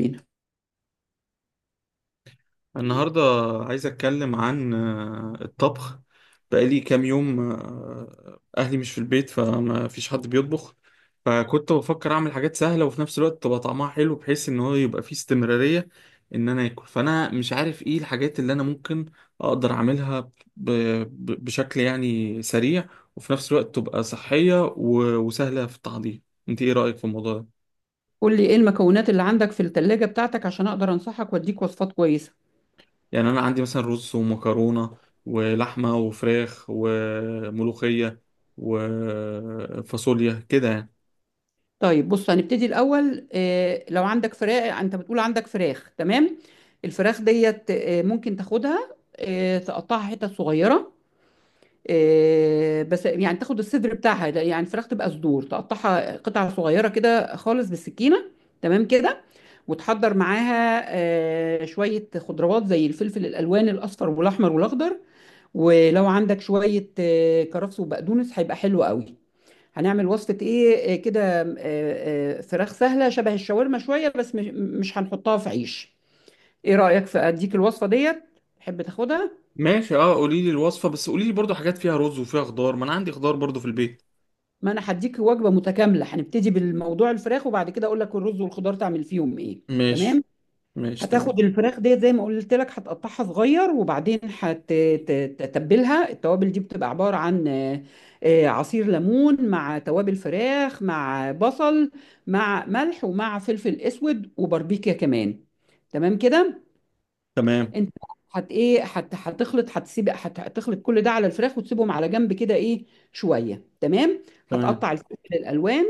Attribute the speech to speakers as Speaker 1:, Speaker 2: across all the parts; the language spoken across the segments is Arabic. Speaker 1: بينا،
Speaker 2: النهاردة عايز أتكلم عن الطبخ. بقالي كام يوم أهلي مش في البيت فما فيش حد بيطبخ. فكنت بفكر أعمل حاجات سهلة وفي نفس الوقت تبقى طعمها حلو بحيث إن هو يبقى فيه استمرارية إن أنا آكل، فأنا مش عارف إيه الحاجات اللي أنا ممكن أقدر أعملها ب- بشكل يعني سريع، وفي نفس الوقت تبقى صحية وسهلة في التحضير. أنت إيه رأيك في الموضوع ده؟
Speaker 1: قول لي ايه المكونات اللي عندك في التلاجة بتاعتك عشان اقدر انصحك واديك وصفات كويسة.
Speaker 2: يعني انا عندي مثلا رز ومكرونه ولحمه وفراخ وملوخيه وفاصوليا كده يعني.
Speaker 1: طيب بص هنبتدي الاول، لو عندك فراخ، انت بتقول عندك فراخ. تمام. الفراخ ديت ممكن تاخدها، تقطعها حتت صغيرة. بس يعني تاخد الصدر بتاعها، لا، يعني الفراخ تبقى صدور تقطعها قطع صغيرة كده خالص بالسكينة. تمام كده. وتحضر معاها شوية خضروات زي الفلفل الألوان: الأصفر والأحمر والأخضر. ولو عندك شوية كرفس وبقدونس هيبقى حلو قوي. هنعمل وصفة ايه آه، كده آه، آه، فراخ سهلة شبه الشاورما شوية، بس مش هنحطها في عيش. ايه رأيك في اديك الوصفة ديت؟ تحب تاخدها؟
Speaker 2: ماشي، اه، قولي لي الوصفه، بس قولي لي برضو حاجات فيها رز وفيها خضار، ما انا عندي خضار برضو في البيت.
Speaker 1: ما انا هديك وجبة متكاملة، هنبتدي بالموضوع الفراخ وبعد كده اقول لك الرز والخضار تعمل فيهم ايه.
Speaker 2: ماشي.
Speaker 1: تمام.
Speaker 2: ماشي، تمام.
Speaker 1: هتاخد الفراخ ديت زي ما قلت لك، هتقطعها صغير وبعدين هتتبلها. التوابل دي بتبقى عبارة عن عصير ليمون مع توابل فراخ مع بصل مع ملح ومع فلفل اسود وباربيكيا كمان. تمام كده.
Speaker 2: تمام،
Speaker 1: انت هت ايه هت هتخلط، هتخلط كل ده على الفراخ وتسيبهم على جنب كده ايه شويه. تمام.
Speaker 2: تمام،
Speaker 1: هتقطع الفلفل الالوان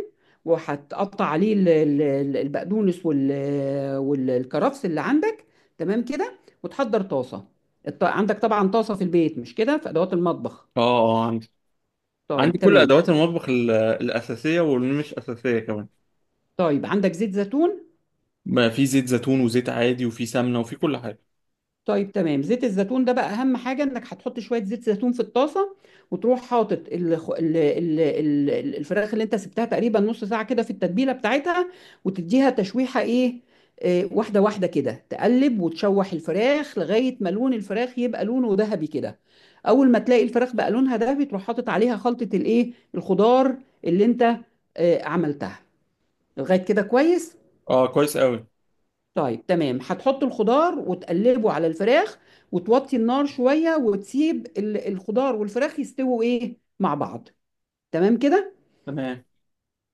Speaker 1: وهتقطع عليه البقدونس والكرفس اللي عندك. تمام كده. وتحضر طاسه. عندك طبعا طاسه في البيت، مش كده، في ادوات المطبخ.
Speaker 2: اه. اه، عندي. عندي
Speaker 1: طيب
Speaker 2: كل
Speaker 1: تمام.
Speaker 2: ادوات المطبخ الاساسيه واللي مش اساسيه كمان.
Speaker 1: طيب عندك زيت زيتون؟
Speaker 2: ما في زيت زيتون وزيت عادي وفي سمنه وفي كل حاجه.
Speaker 1: طيب تمام. زيت الزيتون ده بقى اهم حاجه، انك هتحط شويه زيت زيتون في الطاسه وتروح حاطط ال الفراخ اللي انت سبتها تقريبا نص ساعه كده في التتبيله بتاعتها، وتديها تشويحه ايه واحده واحده كده. تقلب وتشوح الفراخ لغايه ما لون الفراخ يبقى لونه ذهبي كده. اول ما تلاقي الفراخ بقى لونها ذهبي تروح حاطط عليها خلطه الايه الخضار اللي انت عملتها. لغايه كده كويس.
Speaker 2: اه، كويس قوي.
Speaker 1: طيب تمام. هتحط الخضار وتقلبه على الفراخ، وتوطي النار شوية وتسيب الخضار والفراخ يستووا ايه مع بعض. تمام كده.
Speaker 2: تمام.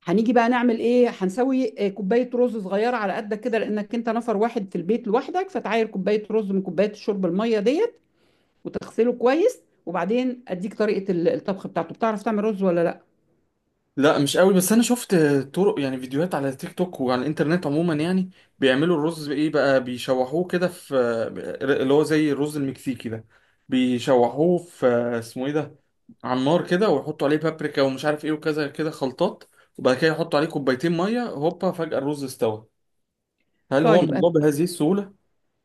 Speaker 1: هنيجي بقى نعمل ايه، هنسوي كوباية رز صغيرة على قدك كده، لانك انت نفر واحد في البيت لوحدك. فتعاير كوباية رز من كوباية الشرب المية ديت وتغسله كويس. وبعدين اديك طريقة الطبخ بتاعته. بتعرف تعمل رز ولا لا؟
Speaker 2: لا مش قوي، بس انا شفت طرق يعني فيديوهات على تيك توك وعلى الانترنت عموما يعني. بيعملوا الرز ايه بقى، بيشوحوه كده في، اللي هو زي الرز المكسيكي ده، بيشوحوه في، اسمه ايه ده، على النار كده، ويحطوا عليه بابريكا ومش عارف ايه وكذا كده خلطات، وبعد كده يحطوا عليه كوبايتين ميه، هوبا فجأة الرز استوى. هل هو
Speaker 1: طيب.
Speaker 2: الموضوع بهذه السهولة؟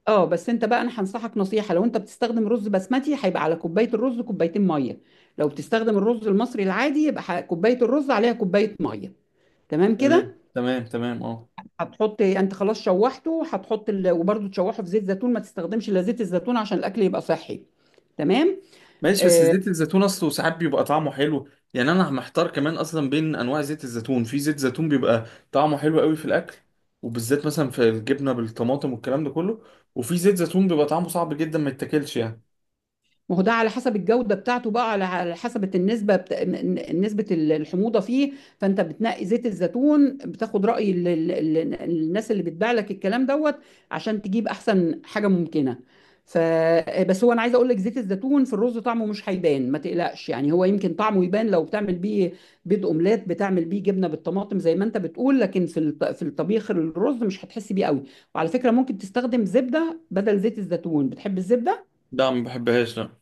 Speaker 1: اه بس انت بقى، انا هنصحك نصيحه: لو انت بتستخدم رز بسمتي هيبقى على كوبايه الرز كوبايتين ميه. لو بتستخدم الرز المصري العادي يبقى كوبايه الرز عليها كوبايه ميه. تمام
Speaker 2: تمام،
Speaker 1: كده.
Speaker 2: تمام، تمام، اه.
Speaker 1: هتحط انت، خلاص شوحته، هتحط وبرده تشوحه في زيت زيتون. ما تستخدمش الا زيت الزيتون عشان الاكل يبقى صحي. تمام.
Speaker 2: ماشي، بس
Speaker 1: آه،
Speaker 2: زيت الزيتون اصله ساعات بيبقى طعمه حلو. يعني انا محتار كمان اصلا بين انواع زيت الزيتون، في زيت زيتون بيبقى طعمه حلو قوي في الاكل، وبالذات مثلا في الجبنه بالطماطم والكلام ده كله، وفي زيت زيتون بيبقى طعمه صعب جدا ما يتاكلش يعني.
Speaker 1: ما هو ده على حسب الجودة بتاعته بقى، على حسب النسبة نسبة الحموضة فيه. فأنت بتنقي زيت الزيتون بتاخد رأي الناس اللي بتبيع لك الكلام دوت عشان تجيب أحسن حاجة ممكنة. ف آه، بس هو أنا عايزة أقول لك زيت الزيتون في الرز طعمه مش هيبان، ما تقلقش. يعني هو يمكن طعمه يبان لو بتعمل بيه بيض أومليت، بتعمل بيه جبنة بالطماطم زي ما أنت بتقول. لكن في في الطبيخ الرز مش هتحس بيه قوي. وعلى فكرة ممكن تستخدم زبدة بدل زيت الزيتون. بتحب الزبدة؟
Speaker 2: لا، ما بحبهاش، لا.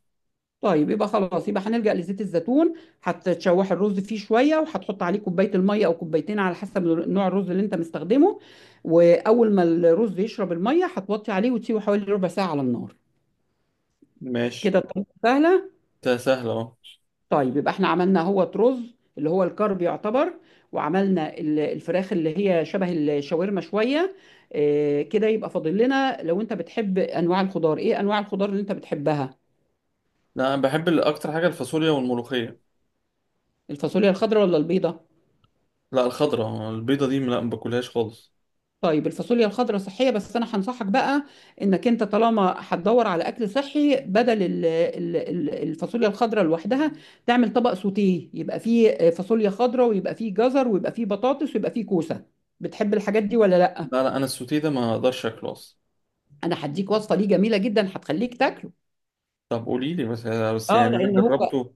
Speaker 1: طيب يبقى خلاص، يبقى هنلجأ لزيت الزيتون. هتشوح الرز فيه شويه وهتحط عليه كوبايه الميه او كوبايتين على حسب نوع الرز اللي انت مستخدمه. واول ما الرز يشرب الميه هتوطي عليه وتسيبه حوالي ربع ساعه على النار.
Speaker 2: ماشي.
Speaker 1: كده الطريقه سهله.
Speaker 2: ده سهل اهو.
Speaker 1: طيب يبقى احنا عملنا هو رز اللي هو الكرب يعتبر، وعملنا الفراخ اللي هي شبه الشاورما شويه كده. يبقى فاضل لنا، لو انت بتحب انواع الخضار، ايه انواع الخضار اللي انت بتحبها؟
Speaker 2: لا، انا بحب اكتر حاجه الفاصوليا والملوخيه.
Speaker 1: الفاصوليا الخضراء ولا البيضه؟
Speaker 2: لا، الخضره البيضه دي، لا، ما باكلهاش خالص.
Speaker 1: طيب الفاصوليا الخضراء صحية. بس أنا هنصحك بقى إنك أنت طالما هتدور على أكل صحي، بدل الفاصوليا الخضراء لوحدها تعمل طبق سوتيه يبقى فيه فاصوليا خضراء ويبقى فيه جزر ويبقى فيه بطاطس ويبقى فيه كوسة. بتحب الحاجات دي ولا لأ؟
Speaker 2: لا، لا، انا السوتيه ده ما اقدرش اكله اصلا.
Speaker 1: أنا هديك وصفة ليه جميلة جدا هتخليك تاكله.
Speaker 2: طب قولي لي بس، بس يعني
Speaker 1: اه،
Speaker 2: انا
Speaker 1: لان هو.
Speaker 2: جربته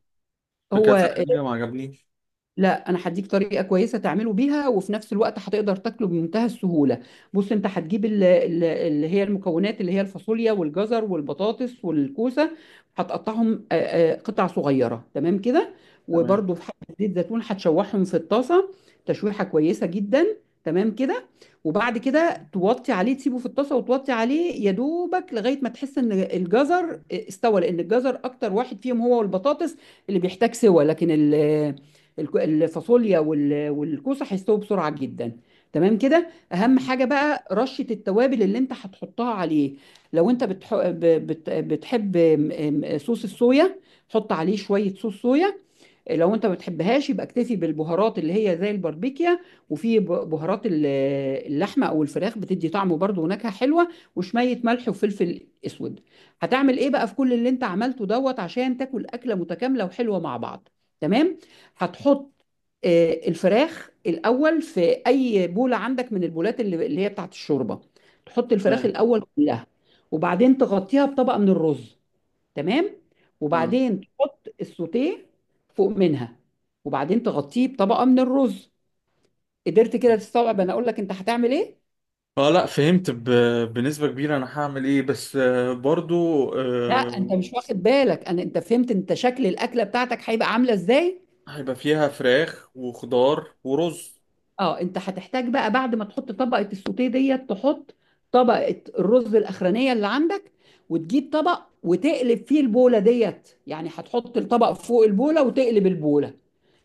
Speaker 2: في
Speaker 1: هو
Speaker 2: كذا حاجه ما عجبنيش.
Speaker 1: لا، انا هديك طريقه كويسه تعمله بيها وفي نفس الوقت هتقدر تاكله بمنتهى السهوله. بص انت هتجيب اللي هي المكونات اللي هي الفاصوليا والجزر والبطاطس والكوسه. هتقطعهم قطع صغيره. تمام كده.
Speaker 2: تمام.
Speaker 1: وبرده في حبه زيت زيتون هتشوحهم في الطاسه تشويحه كويسه جدا. تمام كده. وبعد كده توطي عليه، تسيبه في الطاسه وتوطي عليه يا دوبك لغايه ما تحس ان الجزر استوى، لان الجزر اكتر واحد فيهم هو والبطاطس اللي بيحتاج سوى، لكن الفاصوليا والكوسه هيستووا بسرعه جدا. تمام كده. اهم حاجه بقى رشه التوابل اللي انت هتحطها عليه. لو انت بتحب صوص الصويا، حط عليه شويه صوص صويا. لو انت ما بتحبهاش يبقى اكتفي بالبهارات اللي هي زي الباربيكيا، وفي بهارات اللحمه او الفراخ، بتدي طعم وبرده ونكهه حلوه. وشويه ملح وفلفل اسود. هتعمل ايه بقى في كل اللي انت عملته دوت عشان تاكل اكله متكامله وحلوه مع بعض؟ تمام. هتحط الفراخ الاول في اي بوله عندك من البولات اللي هي بتاعت الشوربه. تحط الفراخ
Speaker 2: تمام.
Speaker 1: الاول كلها، وبعدين تغطيها بطبقه من الرز. تمام.
Speaker 2: اه.
Speaker 1: وبعدين تحط السوتيه فوق منها. وبعدين تغطيه بطبقه من الرز. قدرت كده تستوعب انا اقول لك انت هتعمل ايه؟
Speaker 2: اه، لا فهمت بنسبة كبيرة انا هعمل ايه، بس برضو
Speaker 1: لا، انت
Speaker 2: آه،
Speaker 1: مش واخد بالك. انا، انت فهمت انت شكل الاكله بتاعتك هيبقى عامله ازاي؟
Speaker 2: هيبقى فيها فراخ وخضار ورز.
Speaker 1: اه، انت هتحتاج بقى بعد ما تحط طبقه السوتيه ديت تحط طبقه الرز الاخرانيه اللي عندك، وتجيب طبق وتقلب فيه البوله ديت. يعني هتحط الطبق فوق البوله وتقلب البوله.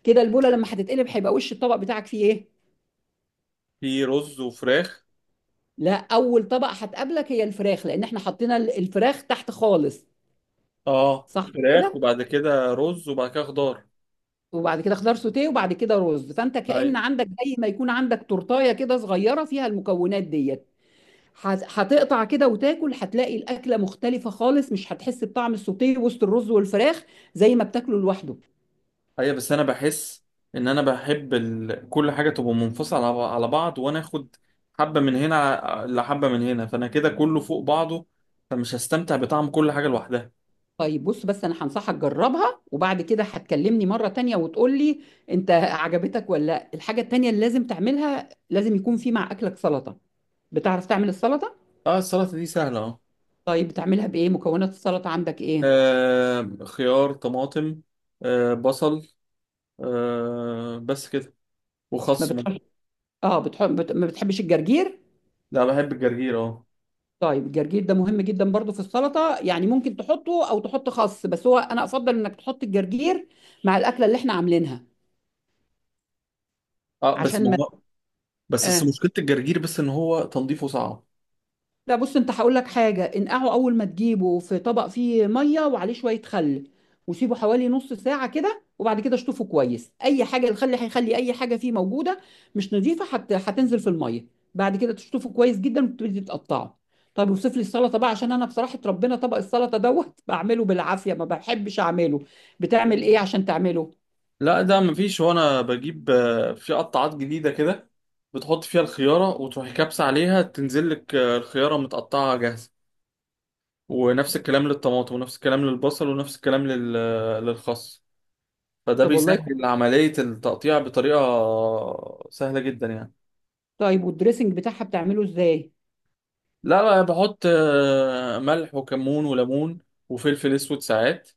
Speaker 1: كده البوله لما هتتقلب هيبقى وش الطبق بتاعك فيه ايه؟
Speaker 2: في رز وفراخ.
Speaker 1: لا، اول طبق هتقابلك هي الفراخ لان احنا حطينا الفراخ تحت خالص.
Speaker 2: اه،
Speaker 1: صح
Speaker 2: فراخ
Speaker 1: كده.
Speaker 2: وبعد كده رز وبعد كده خضار.
Speaker 1: وبعد كده خضار سوتيه وبعد كده رز. فانت كأن
Speaker 2: ايوه.
Speaker 1: عندك، زي ما يكون عندك تورتايه كده صغيره فيها المكونات ديت. هتقطع كده وتاكل، هتلاقي الاكله مختلفه خالص. مش هتحس بطعم السوتيه وسط الرز والفراخ زي ما بتاكله لوحده.
Speaker 2: ايوه، بس انا بحس ان انا بحب كل حاجة تبقى منفصلة على بعض، وانا اخد حبة من هنا لحبة من هنا، فانا كده كله فوق بعضه، فمش هستمتع بطعم كل حاجة لوحدها.
Speaker 1: طيب بص، بس انا هنصحك جربها وبعد كده هتكلمني مره تانية وتقول لي انت عجبتك ولا لا. الحاجه التانية اللي لازم تعملها: لازم يكون في مع اكلك سلطه. بتعرف تعمل السلطه؟
Speaker 2: اه، السلطة دي سهلة اهو.
Speaker 1: طيب بتعملها بايه؟ مكونات السلطه عندك ايه؟
Speaker 2: خيار، طماطم، بصل، بس كده،
Speaker 1: ما
Speaker 2: وخس ممكن.
Speaker 1: بتحبش، اه بتحب، ما بتحبش الجرجير؟
Speaker 2: لا، بحب الجرجير، اه.
Speaker 1: طيب الجرجير ده مهم جدا برضو في السلطه. يعني ممكن تحطه او تحط خس، بس هو انا افضل انك تحط الجرجير مع الاكله اللي احنا عاملينها
Speaker 2: اه، بس ما
Speaker 1: عشان ما
Speaker 2: هو بس
Speaker 1: آه.
Speaker 2: مشكلة الجرجير، بس ان هو تنظيفه صعب.
Speaker 1: لا بص، انت هقول لك حاجه: انقعه اول ما تجيبه في طبق فيه ميه وعليه شويه خل، وسيبه حوالي نص ساعه كده. وبعد كده اشطفه كويس. اي حاجه الخل هيخلي اي حاجه فيه موجوده مش نظيفه هتنزل في الميه. بعد كده تشطفه كويس جدا وتبتدي تقطعه. طب وصف لي السلطه بقى، عشان انا بصراحه ربنا، طبق السلطه دوت بعمله بالعافيه ما بحبش اعمله. بتعمل ايه عشان تعمله؟
Speaker 2: لا ده مفيش. هو انا بجيب في قطعات جديدة كده، بتحط فيها الخيارة وتروحي كابسة عليها تنزل لك الخيارة متقطعة جاهزة، ونفس الكلام للطماطم ونفس الكلام للبصل ونفس الكلام للخس، فده
Speaker 1: طب والله.
Speaker 2: بيسهل عملية التقطيع بطريقة سهلة جدا يعني.
Speaker 1: طيب والدريسنج بتاعها بتعمله ازاي؟
Speaker 2: لا، لا، بحط ملح وكمون وليمون وفلفل اسود ساعات،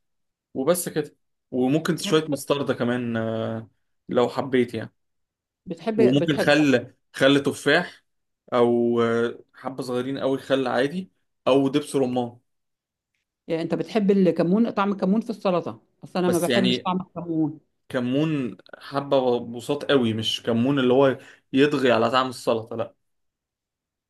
Speaker 2: وبس كده. وممكن
Speaker 1: يعني
Speaker 2: شوية
Speaker 1: بتحب
Speaker 2: مستردة كمان، لو حبيت يعني.
Speaker 1: بتحب
Speaker 2: وممكن
Speaker 1: بتحب؟
Speaker 2: خل، خل تفاح، او حبة صغيرين قوي خل عادي، او دبس رمان.
Speaker 1: يعني انت بتحب الكمون، طعم الكمون في السلطه؟ اصل انا ما
Speaker 2: بس
Speaker 1: بحبش
Speaker 2: يعني
Speaker 1: طعم الكمون.
Speaker 2: كمون حبة بساط قوي، مش كمون اللي هو يطغي على طعم السلطة، لا.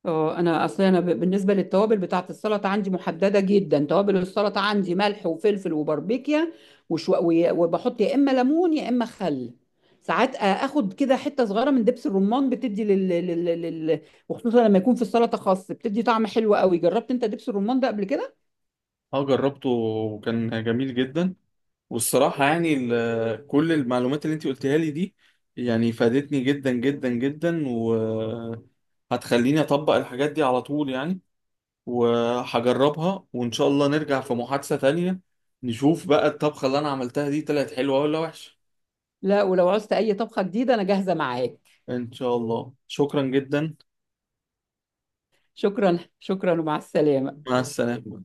Speaker 1: اه، انا اصل انا بالنسبه للتوابل بتاعه السلطه عندي محدده جدا. توابل السلطه عندي ملح وفلفل وباربيكيا وبحط يا اما ليمون يا اما خل. ساعات اخد كده حته صغيره من دبس الرمان بتدي وخصوصا لما يكون في السلطه خاص بتدي طعم حلو قوي. جربت انت دبس الرمان ده قبل كده؟
Speaker 2: اه، جربته وكان جميل جدا. والصراحة يعني كل المعلومات اللي انت قلتها لي دي يعني فادتني جدا جدا جدا، وهتخليني أطبق الحاجات دي على طول يعني، وهجربها وإن شاء الله نرجع في محادثة تانية، نشوف بقى الطبخة اللي أنا عملتها دي طلعت حلوة ولا وحشة.
Speaker 1: لا، ولو عوزت اي طبخه جديده انا جاهزه معاك.
Speaker 2: إن شاء الله، شكرا جدا.
Speaker 1: شكرا، شكرا ومع السلامه.
Speaker 2: مع السلامة.